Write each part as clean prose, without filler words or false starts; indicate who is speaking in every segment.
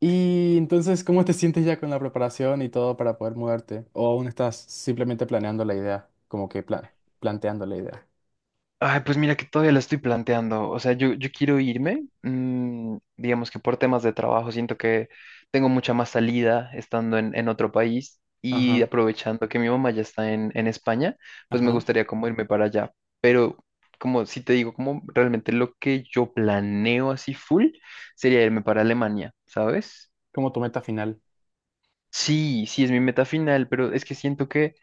Speaker 1: Y entonces, ¿cómo te sientes ya con la preparación y todo para poder mudarte? ¿O aún estás simplemente planeando la idea? Como que planteando la idea.
Speaker 2: Ay, pues mira que todavía la estoy planteando. O sea, yo quiero irme, digamos que por temas de trabajo, siento que tengo mucha más salida estando en otro país y
Speaker 1: Ajá,
Speaker 2: aprovechando que mi mamá ya está en España, pues me
Speaker 1: ajá.
Speaker 2: gustaría como irme para allá. Pero como si te digo, como realmente lo que yo planeo así full sería irme para Alemania, ¿sabes?
Speaker 1: Como tu meta final.
Speaker 2: Sí, sí es mi meta final, pero es que siento que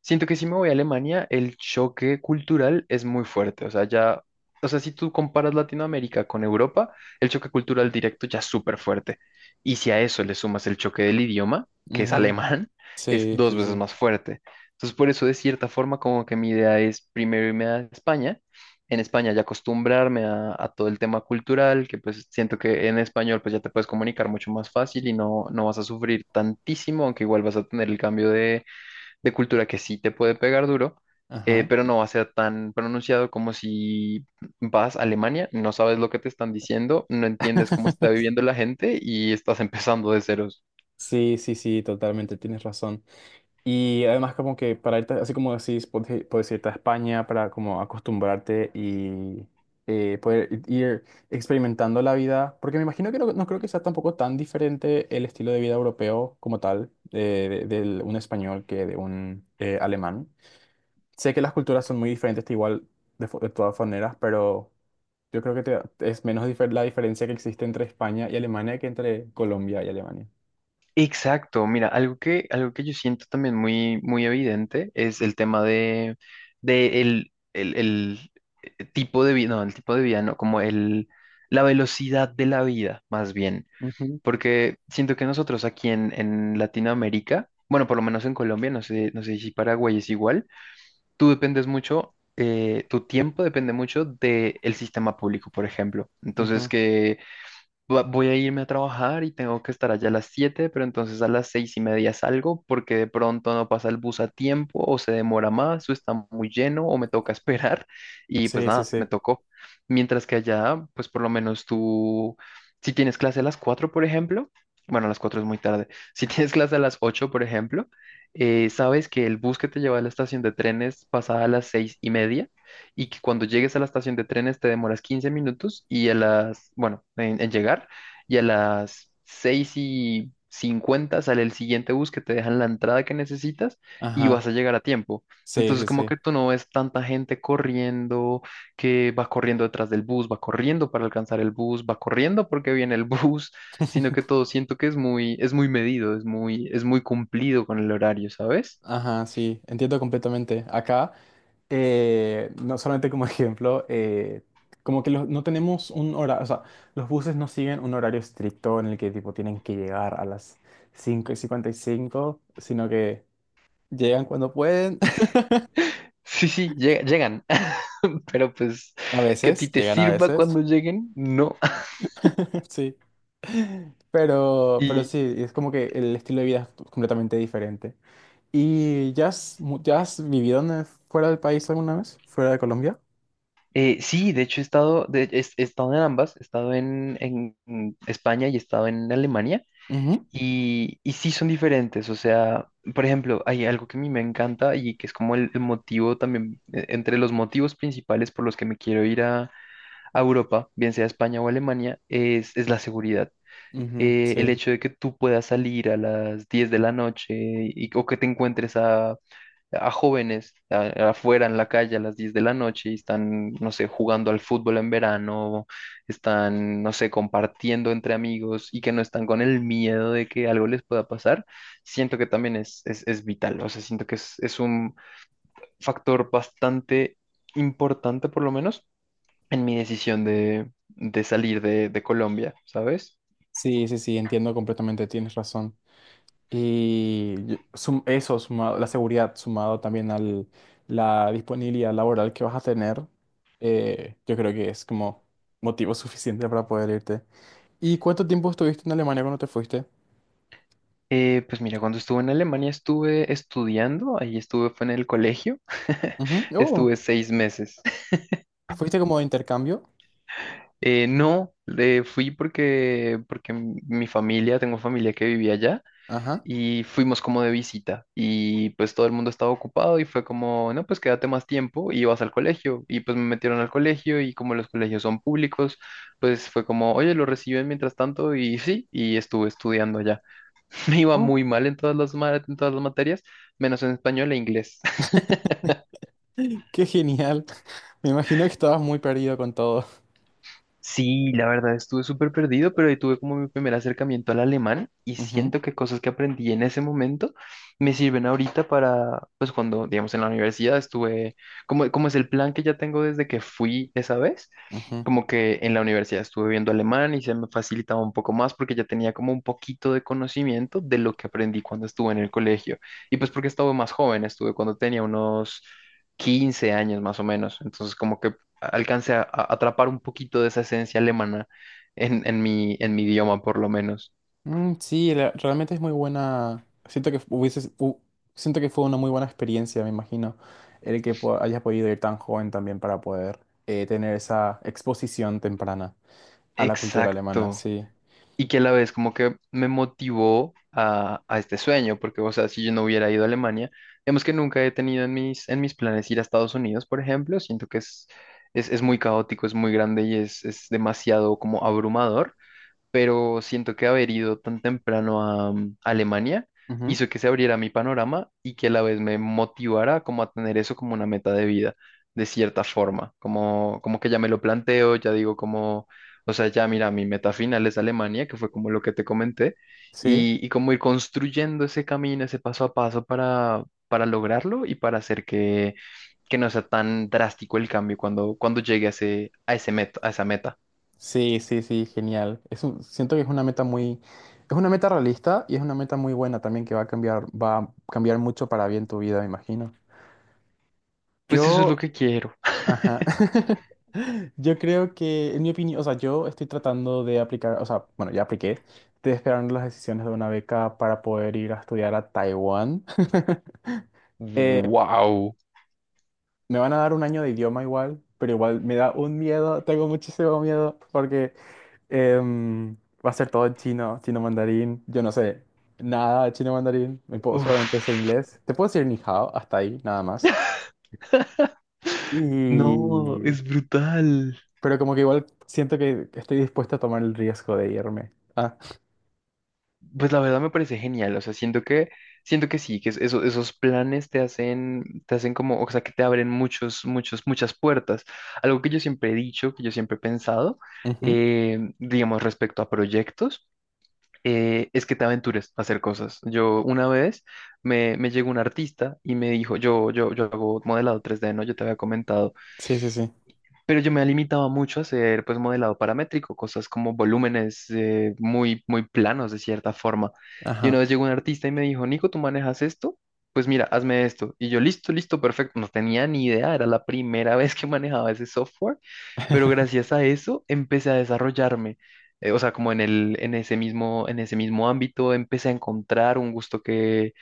Speaker 2: Siento que si me voy a Alemania, el choque cultural es muy fuerte. O sea, si tú comparas Latinoamérica con Europa, el choque cultural directo ya es súper fuerte. Y si a eso le sumas el choque del idioma, que es
Speaker 1: Ujú.
Speaker 2: alemán, es
Speaker 1: Sí,
Speaker 2: dos
Speaker 1: sí,
Speaker 2: veces
Speaker 1: sí.
Speaker 2: más fuerte. Entonces, por eso, de cierta forma, como que mi idea es primero irme a España. En España ya acostumbrarme a todo el tema cultural, que pues siento que en español pues ya te puedes comunicar mucho más fácil y no vas a sufrir tantísimo, aunque igual vas a tener el cambio de cultura que sí te puede pegar duro,
Speaker 1: Ajá.
Speaker 2: pero no va a ser tan pronunciado como si vas a Alemania, no sabes lo que te están diciendo, no entiendes cómo está viviendo la gente y estás empezando de ceros.
Speaker 1: Sí, sí, sí, totalmente, tienes razón. Y además como que para irte, así como decís, puedes irte a España para como acostumbrarte y poder ir experimentando la vida, porque me imagino que no, no creo que sea tampoco tan diferente el estilo de vida europeo como tal, de un español que de un alemán. Sé que las culturas son muy diferentes, te igual de todas maneras, pero yo creo que es menos la diferencia que existe entre España y Alemania que entre Colombia y Alemania.
Speaker 2: Exacto, mira, algo que, yo siento también muy, muy evidente es el tema de el tipo de vida, no, el tipo de vida, no, como el, la velocidad de la vida, más bien.
Speaker 1: Ujú.
Speaker 2: Porque siento que nosotros aquí en Latinoamérica, bueno, por lo menos en Colombia, no sé si Paraguay es igual, tú dependes mucho, tu tiempo depende mucho del sistema público, por ejemplo. Entonces,
Speaker 1: Ujú.
Speaker 2: que voy a irme a trabajar y tengo que estar allá a las siete, pero entonces a las seis y media salgo porque de pronto no pasa el bus a tiempo o se demora más o está muy lleno o me toca esperar, y pues
Speaker 1: Sí, sí,
Speaker 2: nada, me
Speaker 1: sí.
Speaker 2: tocó. Mientras que allá, pues por lo menos tú, si tienes clase a las 4 por ejemplo, bueno, a las 4 es muy tarde, si tienes clase a las 8 por ejemplo, sabes que el bus que te lleva a la estación de trenes pasa a las seis y media, y que cuando llegues a la estación de trenes te demoras 15 minutos y a las, bueno, en llegar, y a las 6 y 50 sale el siguiente bus que te dejan la entrada que necesitas y
Speaker 1: Ajá.
Speaker 2: vas a llegar a tiempo.
Speaker 1: Sí,
Speaker 2: Entonces
Speaker 1: sí,
Speaker 2: como
Speaker 1: sí.
Speaker 2: que tú no ves tanta gente corriendo, que va corriendo detrás del bus, va corriendo para alcanzar el bus, va corriendo porque viene el bus, sino que todo siento que es muy medido, es muy cumplido con el horario, ¿sabes?
Speaker 1: Ajá, sí, entiendo completamente. Acá, no solamente como ejemplo, como que no tenemos un horario, o sea, los buses no siguen un horario estricto en el que tipo tienen que llegar a las 5:55, sino que llegan cuando pueden,
Speaker 2: Sí, sí, llegan. Pero pues
Speaker 1: a
Speaker 2: que a ti
Speaker 1: veces,
Speaker 2: te
Speaker 1: llegan a
Speaker 2: sirva
Speaker 1: veces,
Speaker 2: cuando lleguen, no.
Speaker 1: sí. Pero,
Speaker 2: Y
Speaker 1: sí, es como que el estilo de vida es completamente diferente. ¿Y ya has, vivido fuera del país alguna vez? ¿Fuera de Colombia?
Speaker 2: sí, de hecho he estado, he estado en ambas, he estado en España y he estado en Alemania. Y sí son diferentes, o sea, por ejemplo, hay algo que a mí me encanta y que es como el motivo también, entre los motivos principales por los que me quiero ir a Europa, bien sea España o Alemania, es la seguridad.
Speaker 1: Ujú,
Speaker 2: El
Speaker 1: sí,
Speaker 2: hecho de que tú puedas salir a las 10 de la noche y, o que te encuentres a jóvenes afuera en la calle a las 10 de la noche, y están, no sé, jugando al fútbol en verano, están, no sé, compartiendo entre amigos y que no están con el miedo de que algo les pueda pasar, siento que también es vital. O sea, siento que es un factor bastante importante, por lo menos, en mi decisión de, salir de, Colombia, ¿sabes?
Speaker 1: sí, sí, sí, entiendo completamente, tienes razón. Y eso, sumado, la seguridad, sumado también a la disponibilidad laboral que vas a tener, yo creo que es como motivo suficiente para poder irte. ¿Y cuánto tiempo estuviste en Alemania cuando te fuiste?
Speaker 2: Pues mira, cuando estuve en Alemania estuve estudiando, ahí estuve, fue en el colegio,
Speaker 1: Ujú. Oh,
Speaker 2: estuve 6 meses.
Speaker 1: ¿fuiste como de intercambio?
Speaker 2: No, fui porque, mi familia, tengo familia que vivía allá
Speaker 1: Ajá.
Speaker 2: y fuimos como de visita, y pues todo el mundo estaba ocupado y fue como, no, pues quédate más tiempo y vas al colegio, y pues me metieron al colegio, y como los colegios son públicos, pues fue como, oye, lo reciben mientras tanto y sí, y estuve estudiando allá. Me iba
Speaker 1: Oh,
Speaker 2: muy mal en todas en todas las materias, menos en español e inglés.
Speaker 1: qué genial. Me imagino que estabas muy perdido con todo.
Speaker 2: Sí, la verdad estuve súper perdido, pero ahí tuve como mi primer acercamiento al alemán y
Speaker 1: Ujú,
Speaker 2: siento que cosas que aprendí en ese momento me sirven ahorita para, pues cuando, digamos, en la universidad estuve, como, como es el plan que ya tengo desde que fui esa vez,
Speaker 1: ujú.
Speaker 2: como que en la universidad estuve viendo alemán y se me facilitaba un poco más porque ya tenía como un poquito de conocimiento de lo que aprendí cuando estuve en el colegio. Y pues porque estaba más joven, estuve cuando tenía unos... 15 años más o menos, entonces como que alcance a atrapar un poquito de esa esencia alemana en mi idioma, por lo menos.
Speaker 1: Mm, sí, realmente es muy buena. Siento que fue una muy buena experiencia, me imagino, el que hayas podido ir tan joven también para poder tener esa exposición temprana a la cultura alemana,
Speaker 2: Exacto.
Speaker 1: sí.
Speaker 2: Y que a la vez como que me motivó a este sueño, porque, o sea, si yo no hubiera ido a Alemania, digamos que nunca he tenido en mis, planes ir a Estados Unidos, por ejemplo, siento que es muy caótico, es muy grande y es demasiado como abrumador. Pero siento que haber ido tan temprano a Alemania
Speaker 1: Ujú.
Speaker 2: hizo que se abriera mi panorama, y que a la vez me motivara como a tener eso como una meta de vida, de cierta forma, como, como que ya me lo planteo, ya digo como, o sea, ya mira, mi meta final es Alemania, que fue como lo que te comenté,
Speaker 1: Sí,
Speaker 2: y como ir construyendo ese camino, ese paso a paso para lograrlo y para hacer que no sea tan drástico el cambio cuando llegue a ese, meta, a esa meta.
Speaker 1: sí, sí, sí, genial. Siento que es una meta realista y es una meta muy buena también que va a cambiar mucho para bien tu vida, me imagino.
Speaker 2: Pues eso es lo
Speaker 1: Yo
Speaker 2: que quiero.
Speaker 1: Ajá. Yo creo que, en mi opinión, o sea, yo estoy tratando de aplicar, o sea, bueno, ya apliqué, estoy esperando las decisiones de una beca para poder ir a estudiar a Taiwán. Eh,
Speaker 2: Wow.
Speaker 1: Me van a dar un año de idioma igual, pero igual me da un miedo, tengo muchísimo miedo porque em, va a ser todo en chino, chino mandarín. Yo no sé nada de chino mandarín, solamente sé
Speaker 2: Uf.
Speaker 1: inglés. Te puedo decir ni hao, hasta ahí, nada más.
Speaker 2: No,
Speaker 1: Y
Speaker 2: es brutal.
Speaker 1: Pero como que igual siento que estoy dispuesto a tomar el riesgo de irme. Ah,
Speaker 2: Pues la verdad me parece genial, o sea, siento que sí, que esos planes te hacen como, o sea, que te abren muchos muchos muchas puertas. Algo que yo siempre he dicho, que yo siempre he pensado,
Speaker 1: ujú.
Speaker 2: digamos respecto a proyectos, es que te aventures a hacer cosas. Yo una vez me llegó un artista y me dijo, yo hago modelado 3D, ¿no? Yo te había comentado.
Speaker 1: Sí, sí, sí.
Speaker 2: Pero yo me limitaba mucho a hacer pues modelado paramétrico, cosas como volúmenes, muy, muy planos de cierta forma. Y una
Speaker 1: Ajá.
Speaker 2: vez llegó un artista y me dijo, Nico, ¿tú manejas esto? Pues mira, hazme esto. Y yo, listo, listo, perfecto. No tenía ni idea, era la primera vez que manejaba ese software, pero gracias a eso empecé a desarrollarme. O sea, como en el, en ese mismo ámbito, empecé a encontrar un gusto que,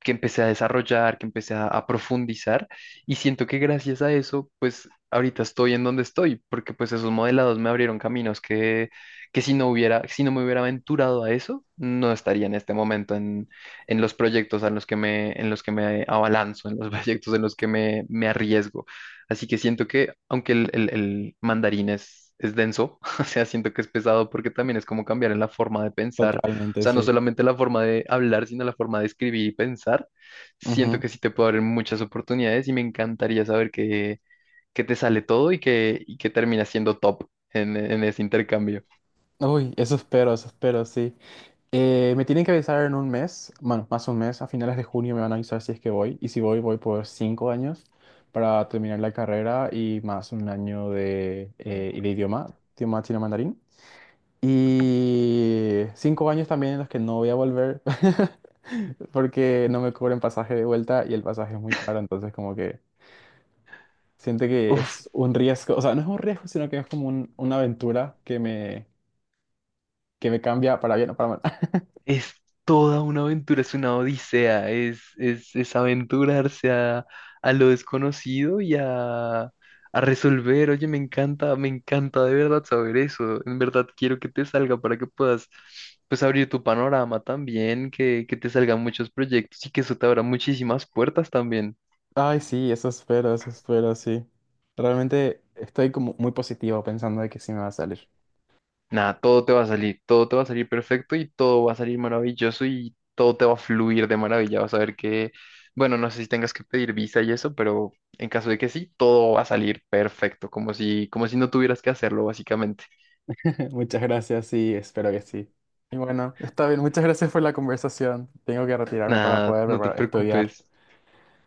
Speaker 2: empecé a desarrollar, que empecé a profundizar, y siento que gracias a eso, pues ahorita estoy en donde estoy, porque pues esos modelados me abrieron caminos que, si no me hubiera aventurado a eso, no estaría en este momento en los proyectos en los que me, abalanzo, en los proyectos en los que me, arriesgo. Así que siento que, aunque el, el mandarín es... Es denso, o sea, siento que es pesado porque también es como cambiar en la forma de pensar, o
Speaker 1: Totalmente,
Speaker 2: sea, no
Speaker 1: sí.
Speaker 2: solamente la forma de hablar, sino la forma de escribir y pensar. Siento
Speaker 1: Ujú.
Speaker 2: que sí te puedo abrir muchas oportunidades y me encantaría saber que, te sale todo, y que, terminas siendo top en ese intercambio.
Speaker 1: Uy, eso espero, sí. Me tienen que avisar en un mes, bueno, más un mes, a finales de junio me van a avisar si es que voy, y si voy, voy por 5 años para terminar la carrera y más un año de, y de idioma, idioma chino mandarín. Y 5 años también en los que no voy a volver porque no me cubren pasaje de vuelta y el pasaje es muy caro, entonces como que siento que
Speaker 2: Uf.
Speaker 1: es un riesgo, o sea, no es un riesgo, sino que es como una aventura que me cambia para bien o para mal.
Speaker 2: Es toda una aventura, es una odisea, es aventurarse a lo desconocido y a resolver. Oye, me encanta de verdad saber eso. En verdad quiero que te salga para que puedas pues abrir tu panorama también, que, te salgan muchos proyectos y que eso te abra muchísimas puertas también.
Speaker 1: Ay, sí, eso espero, sí. Realmente estoy como muy positivo pensando de que sí me va a salir.
Speaker 2: Nada, todo te va a salir, todo te va a salir perfecto, y todo va a salir maravilloso y todo te va a fluir de maravilla. Vas a ver que, bueno, no sé si tengas que pedir visa y eso, pero en caso de que sí, todo va a salir perfecto, como si no tuvieras que hacerlo, básicamente.
Speaker 1: Muchas gracias y espero que sí. Y bueno, está bien, muchas gracias por la conversación. Tengo que retirarme para
Speaker 2: Nada,
Speaker 1: poder
Speaker 2: no te
Speaker 1: estudiar.
Speaker 2: preocupes.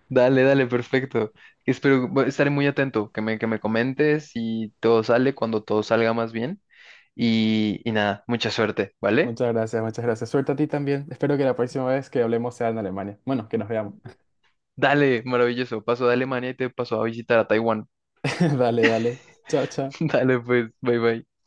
Speaker 2: Dale, dale, perfecto. Espero, bu- estaré muy atento, que me comentes si todo sale, cuando todo salga más bien. Y nada, mucha suerte, ¿vale?
Speaker 1: Muchas gracias, muchas gracias. Suerte a ti también. Espero que la próxima vez que hablemos sea en Alemania. Bueno, que nos veamos.
Speaker 2: Dale, maravilloso. Paso de Alemania y te paso a visitar a Taiwán.
Speaker 1: Dale, dale. Chao, chao.
Speaker 2: Dale, pues, bye bye.